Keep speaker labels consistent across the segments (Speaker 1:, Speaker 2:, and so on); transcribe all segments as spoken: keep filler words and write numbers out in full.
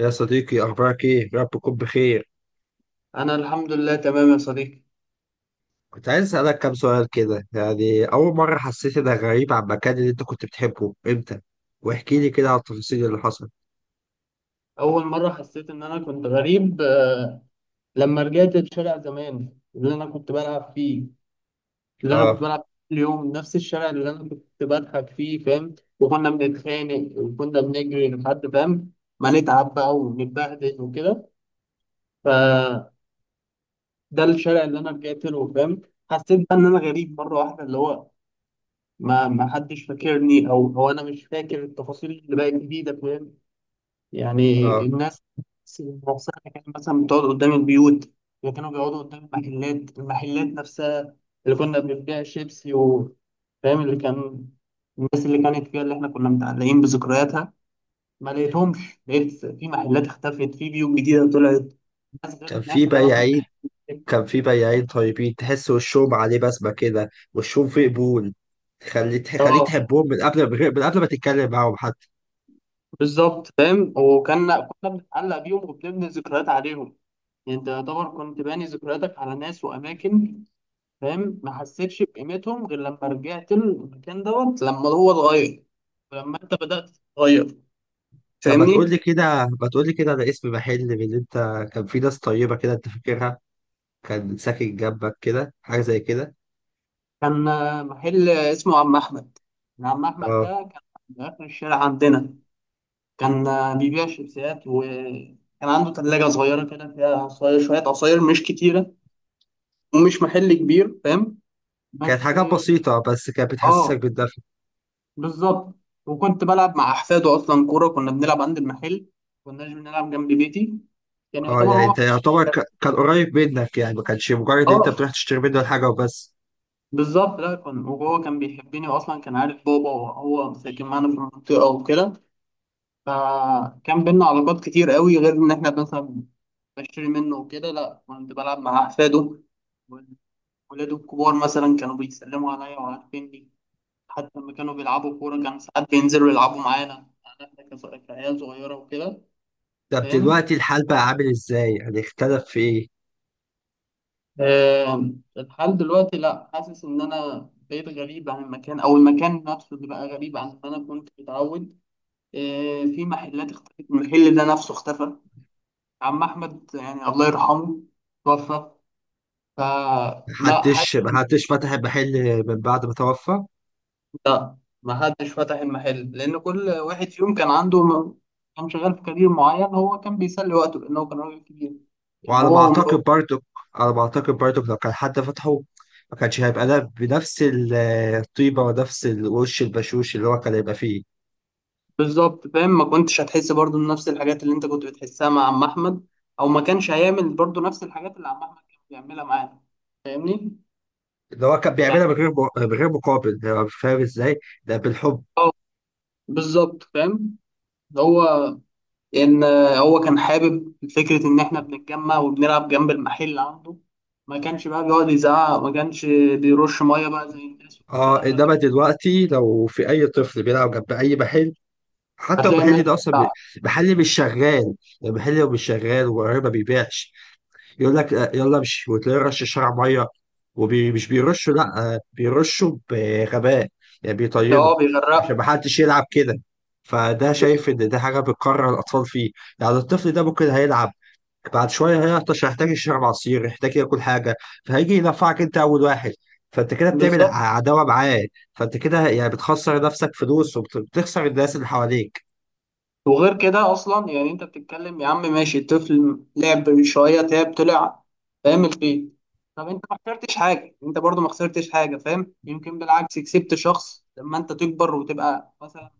Speaker 1: يا صديقي، أخبارك إيه؟ يا رب تكون بخير.
Speaker 2: أنا الحمد لله تمام يا صديقي.
Speaker 1: كنت عايز أسألك كام سؤال كده، يعني أول مرة حسيت إنك غريب عن المكان اللي أنت كنت بتحبه، إمتى؟ واحكي لي كده على التفاصيل اللي حصلت.
Speaker 2: أول مرة حسيت إن أنا كنت غريب آه، لما رجعت لشارع زمان اللي أنا كنت بلعب فيه اللي أنا كنت
Speaker 1: آه.
Speaker 2: بلعب فيه كل يوم، نفس الشارع اللي أنا كنت بضحك فيه، فاهم؟ وكنا بنتخانق وكنا بنجري لحد، فاهم؟ ما نتعب بقى ونتبهدل وكده. فده الشارع اللي أنا رجعت له، فاهم؟ حسيت بقى إن أنا غريب مرة واحدة، اللي هو ما ما حدش فاكرني، أو أو أنا مش فاكر التفاصيل اللي بقت جديدة، فاهم؟ يعني
Speaker 1: آه.
Speaker 2: الناس نفسها كانت مثلا بتقعد قدام البيوت، وكانوا بيقعدوا قدام المحلات، المحلات نفسها اللي كنا بنبيع شيبسي و- فاهم؟ اللي كان الناس اللي كانت فيها، اللي احنا كنا متعلقين بذكرياتها، ما لقيتهمش. لقيت في محلات اختفت، في بيوت جديدة طلعت، ناس غير
Speaker 1: كان في
Speaker 2: الناس اللي انا كنت
Speaker 1: بياعين
Speaker 2: فيها.
Speaker 1: كان في بياعين طيبين، تحس وشهم عليه بسمة كده، وشهم فيه قبول، تخلي تخليك
Speaker 2: اه،
Speaker 1: تحبهم من قبل ما- من قبل ما تتكلم معاهم حتى.
Speaker 2: بالظبط فاهم. وكنا كنا بنتعلق بيهم وبنبني ذكريات عليهم. يعني انت يعتبر كنت باني ذكرياتك على ناس واماكن، فاهم؟ ما حسيتش بقيمتهم غير لما رجعت المكان دوت لما هو اتغير ولما انت بدأت تتغير،
Speaker 1: طب ما تقول
Speaker 2: فاهمني؟
Speaker 1: لي كده ما تقول لي كده على اسم محل من اللي أنت كان في ناس طيبة كده أنت فاكرها؟ كان ساكن جنبك كده، حاجة زي كده.
Speaker 2: كان آه، محل اسمه عم احمد. عم احمد ده كان في اخر الشارع عندنا. كان آه، بيبيع شيبسيات، وكان عنده ثلاجة صغيرة كده فيها عصاير، شوية عصاير مش كتيرة، ومش محل كبير، فاهم؟
Speaker 1: كانت
Speaker 2: بس
Speaker 1: حاجات بسيطة بس كانت
Speaker 2: اه،
Speaker 1: بتحسسك بالدفء.
Speaker 2: بالظبط. وكنت بلعب مع احفاده اصلا، كورة كنا بنلعب عند المحل، كناش بنلعب جنب بيتي، يعني
Speaker 1: اه،
Speaker 2: يعتبر
Speaker 1: يعني
Speaker 2: هو
Speaker 1: انت
Speaker 2: في.
Speaker 1: يعتبر ك- كان قريب منك، يعني ما كانش مجرد ان انت
Speaker 2: اه،
Speaker 1: بتروح تشتري منه الحاجة وبس.
Speaker 2: بالظبط، لا كان وهو كان بيحبني، واصلا كان عارف بابا، وهو ساكن معانا في المنطقه وكده. فكان بينا علاقات كتير قوي غير ان احنا مثلا بشتري منه وكده، لا كنت بلعب مع احفاده. ولاده الكبار مثلا كانوا بيسلموا عليا وعارفيني، حتى لما كانوا بيلعبوا كوره كان ساعات بينزلوا يلعبوا معانا. يعني احنا كص- كعيال صغيره وكده.
Speaker 1: طب
Speaker 2: فاهم؟
Speaker 1: دلوقتي الحال بقى عامل ازاي؟ يعني اختلف في ايه؟
Speaker 2: آه، الحال دلوقتي، لا، حاسس ان انا بقيت غريب عن المكان، او المكان نفسه اللي بقى غريب عن ما انا كنت متعود. آه، في محلات اختفت، المحل ده نفسه اختفى. عم احمد يعني الله يرحمه توفى، فلا حد.
Speaker 1: محدش محدش فتح المحل من بعد ما توفى.
Speaker 2: لا، ما حدش فتح المحل، لان كل واحد فيهم كان عنده م- كان شغال في كارير معين. هو كان بيسلي وقته لانه كان راجل كبير، كان
Speaker 1: وعلى ما
Speaker 2: هو
Speaker 1: اعتقد
Speaker 2: ومراته.
Speaker 1: برضو على ما اعتقد برضو لو كان حد فتحه، ما كانش هيبقى ده بنفس ال- الطيبة ونفس الوش البشوش اللي هو كان هيبقى فيه.
Speaker 2: بالظبط فاهم. ما كنتش هتحس برضه بنفس الحاجات اللي انت كنت بتحسها مع عم احمد، او ما كانش هيعمل برضه نفس الحاجات اللي عم احمد كان بيعملها معانا، فاهمني؟
Speaker 1: اللي هو كان
Speaker 2: يعني
Speaker 1: بيعملها من غير م- من غير مقابل، يعني فاهم ازاي؟ ده بالحب.
Speaker 2: اه، بالظبط فاهم. هو ان هو كان حابب فكره ان احنا بنتجمع وبنلعب جنب المحل اللي عنده. ما كانش بقى بيقعد يزعق، ما كانش بيرش ميه بقى زي الناس
Speaker 1: اه،
Speaker 2: والكلام ده.
Speaker 1: انما دلوقتي لو في اي طفل بيلعب جنب اي محل، حتى لو
Speaker 2: هتلاقي الناس
Speaker 1: المحل ده اصلا بي-
Speaker 2: بتاع-
Speaker 1: محل مش شغال. المحل لو مش شغال وقريب ما بيبيعش، يقول لك آه، يلا امشي، وتلاقيه رش الشارع ميه، ومش بيرشوا، لا آه، بيرشوا بغباء، يعني
Speaker 2: اه،
Speaker 1: بيطينوا
Speaker 2: بيغرق.
Speaker 1: عشان ما حدش يلعب كده. فده
Speaker 2: بس-
Speaker 1: شايف ان ده حاجه بتكرر الاطفال فيه. يعني الطفل ده ممكن هيلعب، بعد شويه هيعطش، هيحتاج يشرب عصير، هيحتاج ياكل حاجه، فهيجي ينفعك انت اول واحد. فانت كده بتعمل
Speaker 2: بالظبط.
Speaker 1: ع- عداوه معاه. فانت كده يعني بتخسر نفسك فلوس، وبتخسر الناس اللي حواليك.
Speaker 2: وغير كده اصلا يعني انت بتتكلم يا عم، ماشي، الطفل لعب شويه تعب طلع، فاهم؟ البيت. طب انت ما خسرتش حاجه، انت برضو ما خسرتش حاجه، فاهم؟ يمكن بالعكس كسبت شخص لما انت تكبر وتبقى مثلا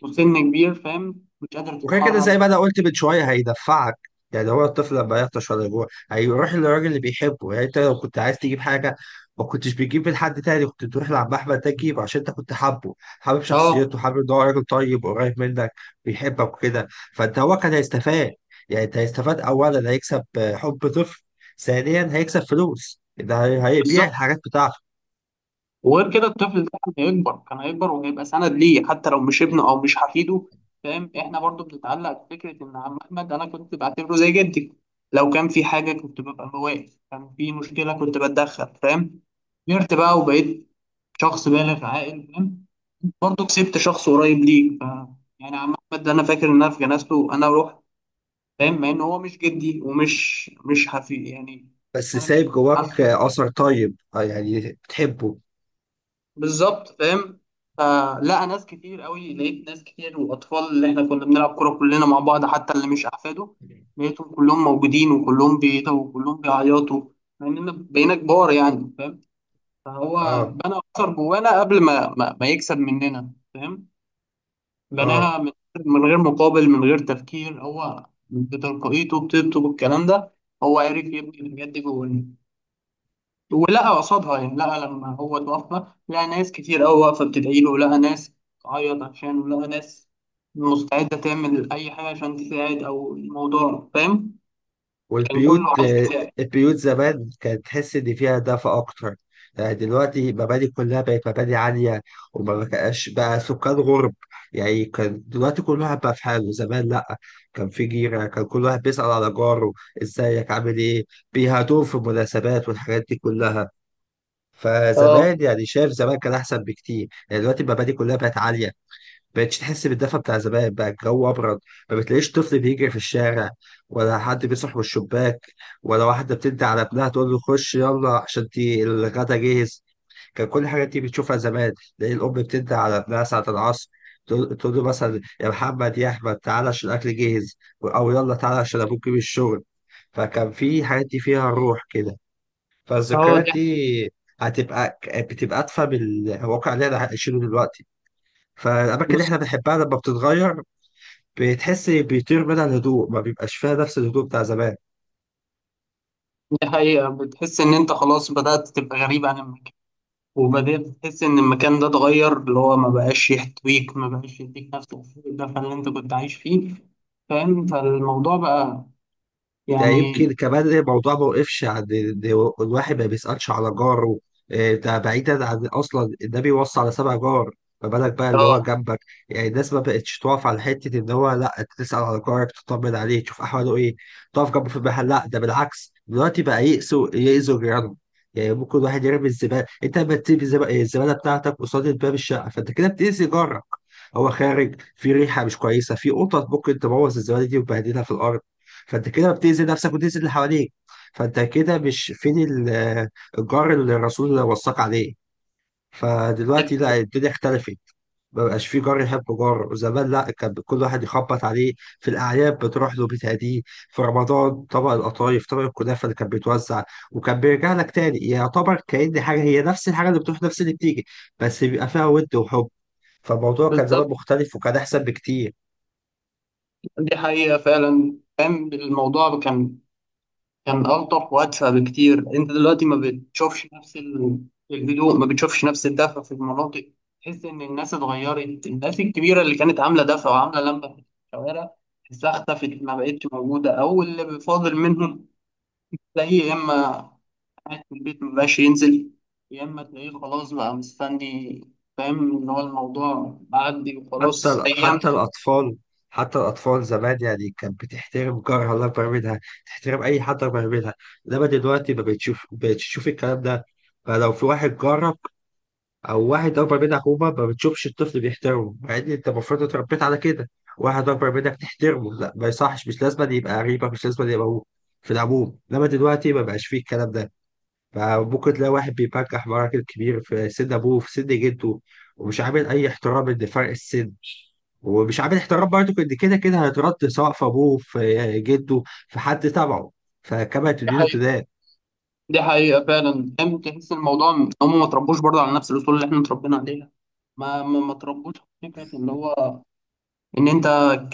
Speaker 2: وسن كبير، فاهم؟ مش قادر
Speaker 1: وغير كده
Speaker 2: تتحرك.
Speaker 1: زي ما انا قلت من شويه، هيدفعك. يعني هو الطفل لما يعطش ولا يجوع، هيروح للراجل اللي بيحبه. يعني انت لو كنت عايز تجيب حاجه، ما كنتش بتجيب من حد تاني، كنت تروح لعم احمد ده تجيب، عشان انت كنت حابه حابب
Speaker 2: اه،
Speaker 1: شخصيته، حابب ان هو راجل طيب وقريب منك، بيحبك وكده. فانت هو كان هيستفاد، يعني انت هيستفاد، اولا هيكسب آه، حب طفل، ثانيا هيكسب فلوس، ده هي- هيبيع
Speaker 2: بالظبط.
Speaker 1: الحاجات بتاعته.
Speaker 2: وغير كده الطفل ده كان هيكبر، كان هيكبر وهيبقى سند ليه حتى لو مش ابنه او مش حفيده. فاهم؟ احنا برضو بنتعلق بفكره ان عم احمد انا كنت بعتبره زي جدي. لو كان في حاجه كنت ببقى بواقف، كان في مشكله كنت بتدخل، فاهم؟ كبرت بقى وبقيت شخص بالغ عاقل، فاهم؟ برضو كسبت شخص قريب ليك ف- يعني عم احمد ده انا فاكر ان انا في جنازته انا رحت، فاهم؟ مع ان هو مش جدي ومش مش حفيد، يعني
Speaker 1: بس
Speaker 2: انا مش
Speaker 1: سايب جواك
Speaker 2: عارف
Speaker 1: آه، اثر طيب آه، يعني بتحبه.
Speaker 2: بالظبط، فاهم؟ فلا، ناس كتير قوي لقيت، ناس كتير والاطفال اللي احنا كنا بنلعب كوره كلنا مع بعض حتى اللي مش احفاده لقيتهم كلهم موجودين، وكلهم بيتوا وكلهم بيعيطوا مع اننا بقينا كبار يعني، فاهم؟ فهو
Speaker 1: اه.
Speaker 2: بنى اثر جوانا قبل ما ما, ما يكسب مننا، فاهم؟
Speaker 1: اه.
Speaker 2: بناها من من غير مقابل، من غير تفكير. هو بتلقائيته، بطيبته، بالكلام ده، هو عرف يبني الحاجات دي جوانا. ولقى قصادها، يعني لقى لما هو اتوفى لقى ناس كتير قوي واقفة بتدعي له، لقى ناس تعيط عشانه، لقى ناس مستعدة تعمل أي حاجة عشان تساعد أو الموضوع، فاهم؟ كان كله
Speaker 1: والبيوت
Speaker 2: عايز
Speaker 1: آه،
Speaker 2: يساعد.
Speaker 1: البيوت زمان كانت تحس إن فيها دفء أكتر. يعني دلوقتي مباني كلها بقت مباني عالية، وما بقاش بقى سكان غرب. يعني كان دلوقتي كل واحد بقى في حاله، زمان لأ، كان في جيرة، كان كل واحد بيسأل على جاره إزيك عامل إيه، بيهادوه في المناسبات والحاجات دي كلها.
Speaker 2: اه.
Speaker 1: فزمان يعني شايف زمان كان أحسن بكتير. يعني دلوقتي المباني كلها بقت عالية، بقتش تحس بالدفى بتاع زمان، بقى الجو ابرد. ما بتلاقيش طفل بيجري في الشارع، ولا حد بيصحى من الشباك، ولا واحده بتدي على ابنها تقول له خش يلا عشان دي الغدا جاهز. كان كل الحاجات دي بتشوفها زمان. تلاقي الام بتدي على ابنها ساعه العصر، تقول تقول له مثلا يا محمد يا احمد تعالى عشان الاكل جاهز، او يلا تعالى عشان ابوك جه من الشغل. فكان في حاجات دي فيها روح كده.
Speaker 2: اه.
Speaker 1: فالذكريات
Speaker 2: دي.
Speaker 1: دي هتبقى بتبقى ادفى بالواقع اللي احنا عايشينه دلوقتي. فالاماكن اللي
Speaker 2: بص،
Speaker 1: احنا بنحبها لما بتتغير، بتحس بيطير منها الهدوء، ما بيبقاش فيها نفس الهدوء بتاع زمان.
Speaker 2: دي حقيقة. بتحس إن أنت خلاص بدأت تبقى غريب عن المكان، وبدأت تحس إن المكان ده اتغير، اللي هو ما بقاش يحتويك، ما بقاش يديك نفس الدفء اللي أنت كنت عايش فيه، فاهم؟ فالموضوع بقى
Speaker 1: ده
Speaker 2: يعني
Speaker 1: يمكن كمان الموضوع ما وقفش عند إن الواحد ما بيسألش على جاره إيه، ده بعيدا عن أصلا، ده بيوصي على سبع جار، ما بالك بقى اللي هو
Speaker 2: اه،
Speaker 1: جنبك. يعني الناس ما بقتش تقف على حتة إن هو، لا أنت تسأل على جارك تطمن عليه تشوف أحواله إيه، تقف جنبه في المحل. لا ده بالعكس، دلوقتي بقى يأسوا يأذوا جيرانهم. يعني ممكن واحد يرمي الزبالة، أنت لما تسيب الزب- الزبالة بتاعتك قصاد باب الشقة، فأنت كده بتأذي جارك. هو خارج في ريحة مش كويسة، في قطط ممكن تبوظ الزبالة دي وتبهدلها في الأرض. فانت كده بتأذي نفسك وتأذي اللي حواليك. فانت كده مش فين ال- الجار اللي الرسول وصاك عليه؟ فدلوقتي لا، الدنيا اختلفت. ما بقاش في جار يحب جار. زمان لا، كان كل واحد يخبط عليه في الاعياد، بتروح له بتهديه، في رمضان طبق القطايف طبق الكنافه اللي كان بيتوزع، وكان بيرجع لك تاني، يعتبر كأن حاجه هي نفس الحاجه، اللي بتروح نفس اللي بتيجي، بس بيبقى فيها ود وحب. فالموضوع كان زمان
Speaker 2: بالظبط.
Speaker 1: مختلف، وكان احسن بكتير.
Speaker 2: دي حقيقة فعلا، كان الموضوع كان كان ألطف وأدفى بكتير. أنت دلوقتي ما بتشوفش نفس ال- الهدوء، ما بتشوفش نفس الدفى في المناطق. تحس إن الناس اتغيرت، الناس الكبيرة اللي كانت عاملة دفى وعاملة لمبة في الشوارع تحسها اختفت، ما بقتش موجودة. أو اللي فاضل منهم تلاقيه يا إما قاعد في البيت ما بقاش ينزل، يا إما تلاقيه خلاص بقى مستني، فاهم؟ إن هو الموضوع معدي
Speaker 1: حتى
Speaker 2: وخلاص
Speaker 1: ال-
Speaker 2: أيام.
Speaker 1: حتى الأطفال حتى الأطفال زمان، يعني كانت بتحترم جارها الله أكبر منها، تحترم أي حد أكبر منها. إنما دلوقتي ما بتشوف بتشوف الكلام ده. فلو في واحد جارك أو واحد أكبر منك عموما، ما بتشوفش الطفل بيحترمه، مع إن أنت المفروض اتربيت على كده، واحد أكبر منك تحترمه، لا ما يصحش. مش لازم أن يبقى قريبك، مش لازم أن يبقى هو في العموم. إنما دلوقتي ما بقاش فيه الكلام ده. فممكن تلاقي واحد بيبجح مراكز كبير في سن ابوه في سن جده، ومش عامل اي احترام لفرق السن، ومش عامل احترام برضه ان كده كده هيترد، سواء في ابوه في جده في حد تبعه. فكما تدين تدان.
Speaker 2: دي حقيقة فعلا فاهم. تحس الموضوع إن هم ما اتربوش برضه على نفس الأصول اللي احنا اتربينا عليها. ما ما ما اتربوش على فكرة اللي هو إن أنت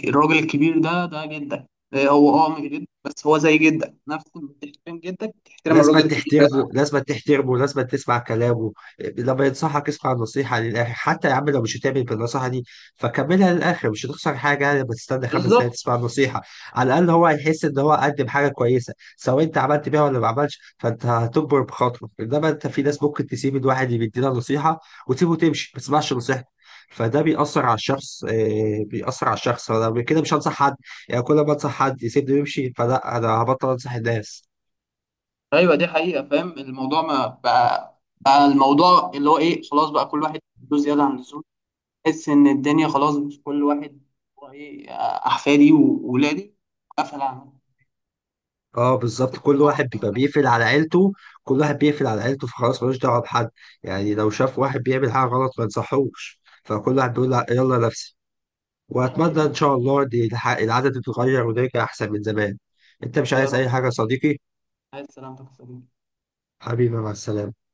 Speaker 2: الراجل الكبير ده، ده جدك. إيه هو أه مش جدك، بس هو زي جدك، نفس ما تحترم جدك تحترم
Speaker 1: لازم
Speaker 2: الراجل الكبير ده.
Speaker 1: تحترمه، لازم تحترمه، لازم تسمع كلامه. لما ينصحك اسمع النصيحة للآخر، حتى يا عم لو مش هتعمل بالنصيحة دي، فكملها للآخر، مش هتخسر حاجة، يعني لما تستنى خمس دقايق
Speaker 2: بالظبط.
Speaker 1: تسمع النصيحة. على الأقل هو هيحس إن هو قدم حاجة كويسة، سواء أنت عملت بيها ولا ما عملتش، فأنت هتكبر بخاطره. إنما أنت في ناس ممكن تسيب الواحد اللي بيدينا نصيحة، وتسيبه تمشي، ما تسمعش نصيحته. فده بيأثر على الشخص إيه، بيأثر على الشخص، فأنا كده مش هنصح حد. يعني كل ما انصح حد يسيبني ويمشي، فلا انا هبطل انصح الناس.
Speaker 2: أيوه، دي حقيقة فاهم. الموضوع ما بقى بقى الموضوع اللي هو إيه، خلاص بقى كل واحد له زيادة عن اللزوم. تحس إن الدنيا خلاص، مش كل واحد هو إيه، أحفادي وولادي، قفل عنهم.
Speaker 1: اه بالظبط، كل واحد بيبقى بيقفل على عيلته، كل واحد بيقفل على عيلته فخلاص ملوش دعوه بحد. يعني لو شاف واحد بيعمل حاجه غلط ما ينصحوش، فكل واحد بيقول لأ، يلا نفسي.
Speaker 2: دي
Speaker 1: واتمنى
Speaker 2: حقيقة.
Speaker 1: ان شاء الله دي الح- العدد يتغير، ونرجع احسن من زمان. انت مش
Speaker 2: يا
Speaker 1: عايز اي
Speaker 2: رب.
Speaker 1: حاجه يا صديقي؟
Speaker 2: عايز سلامتك يا صديقي.
Speaker 1: حبيبي مع السلامه.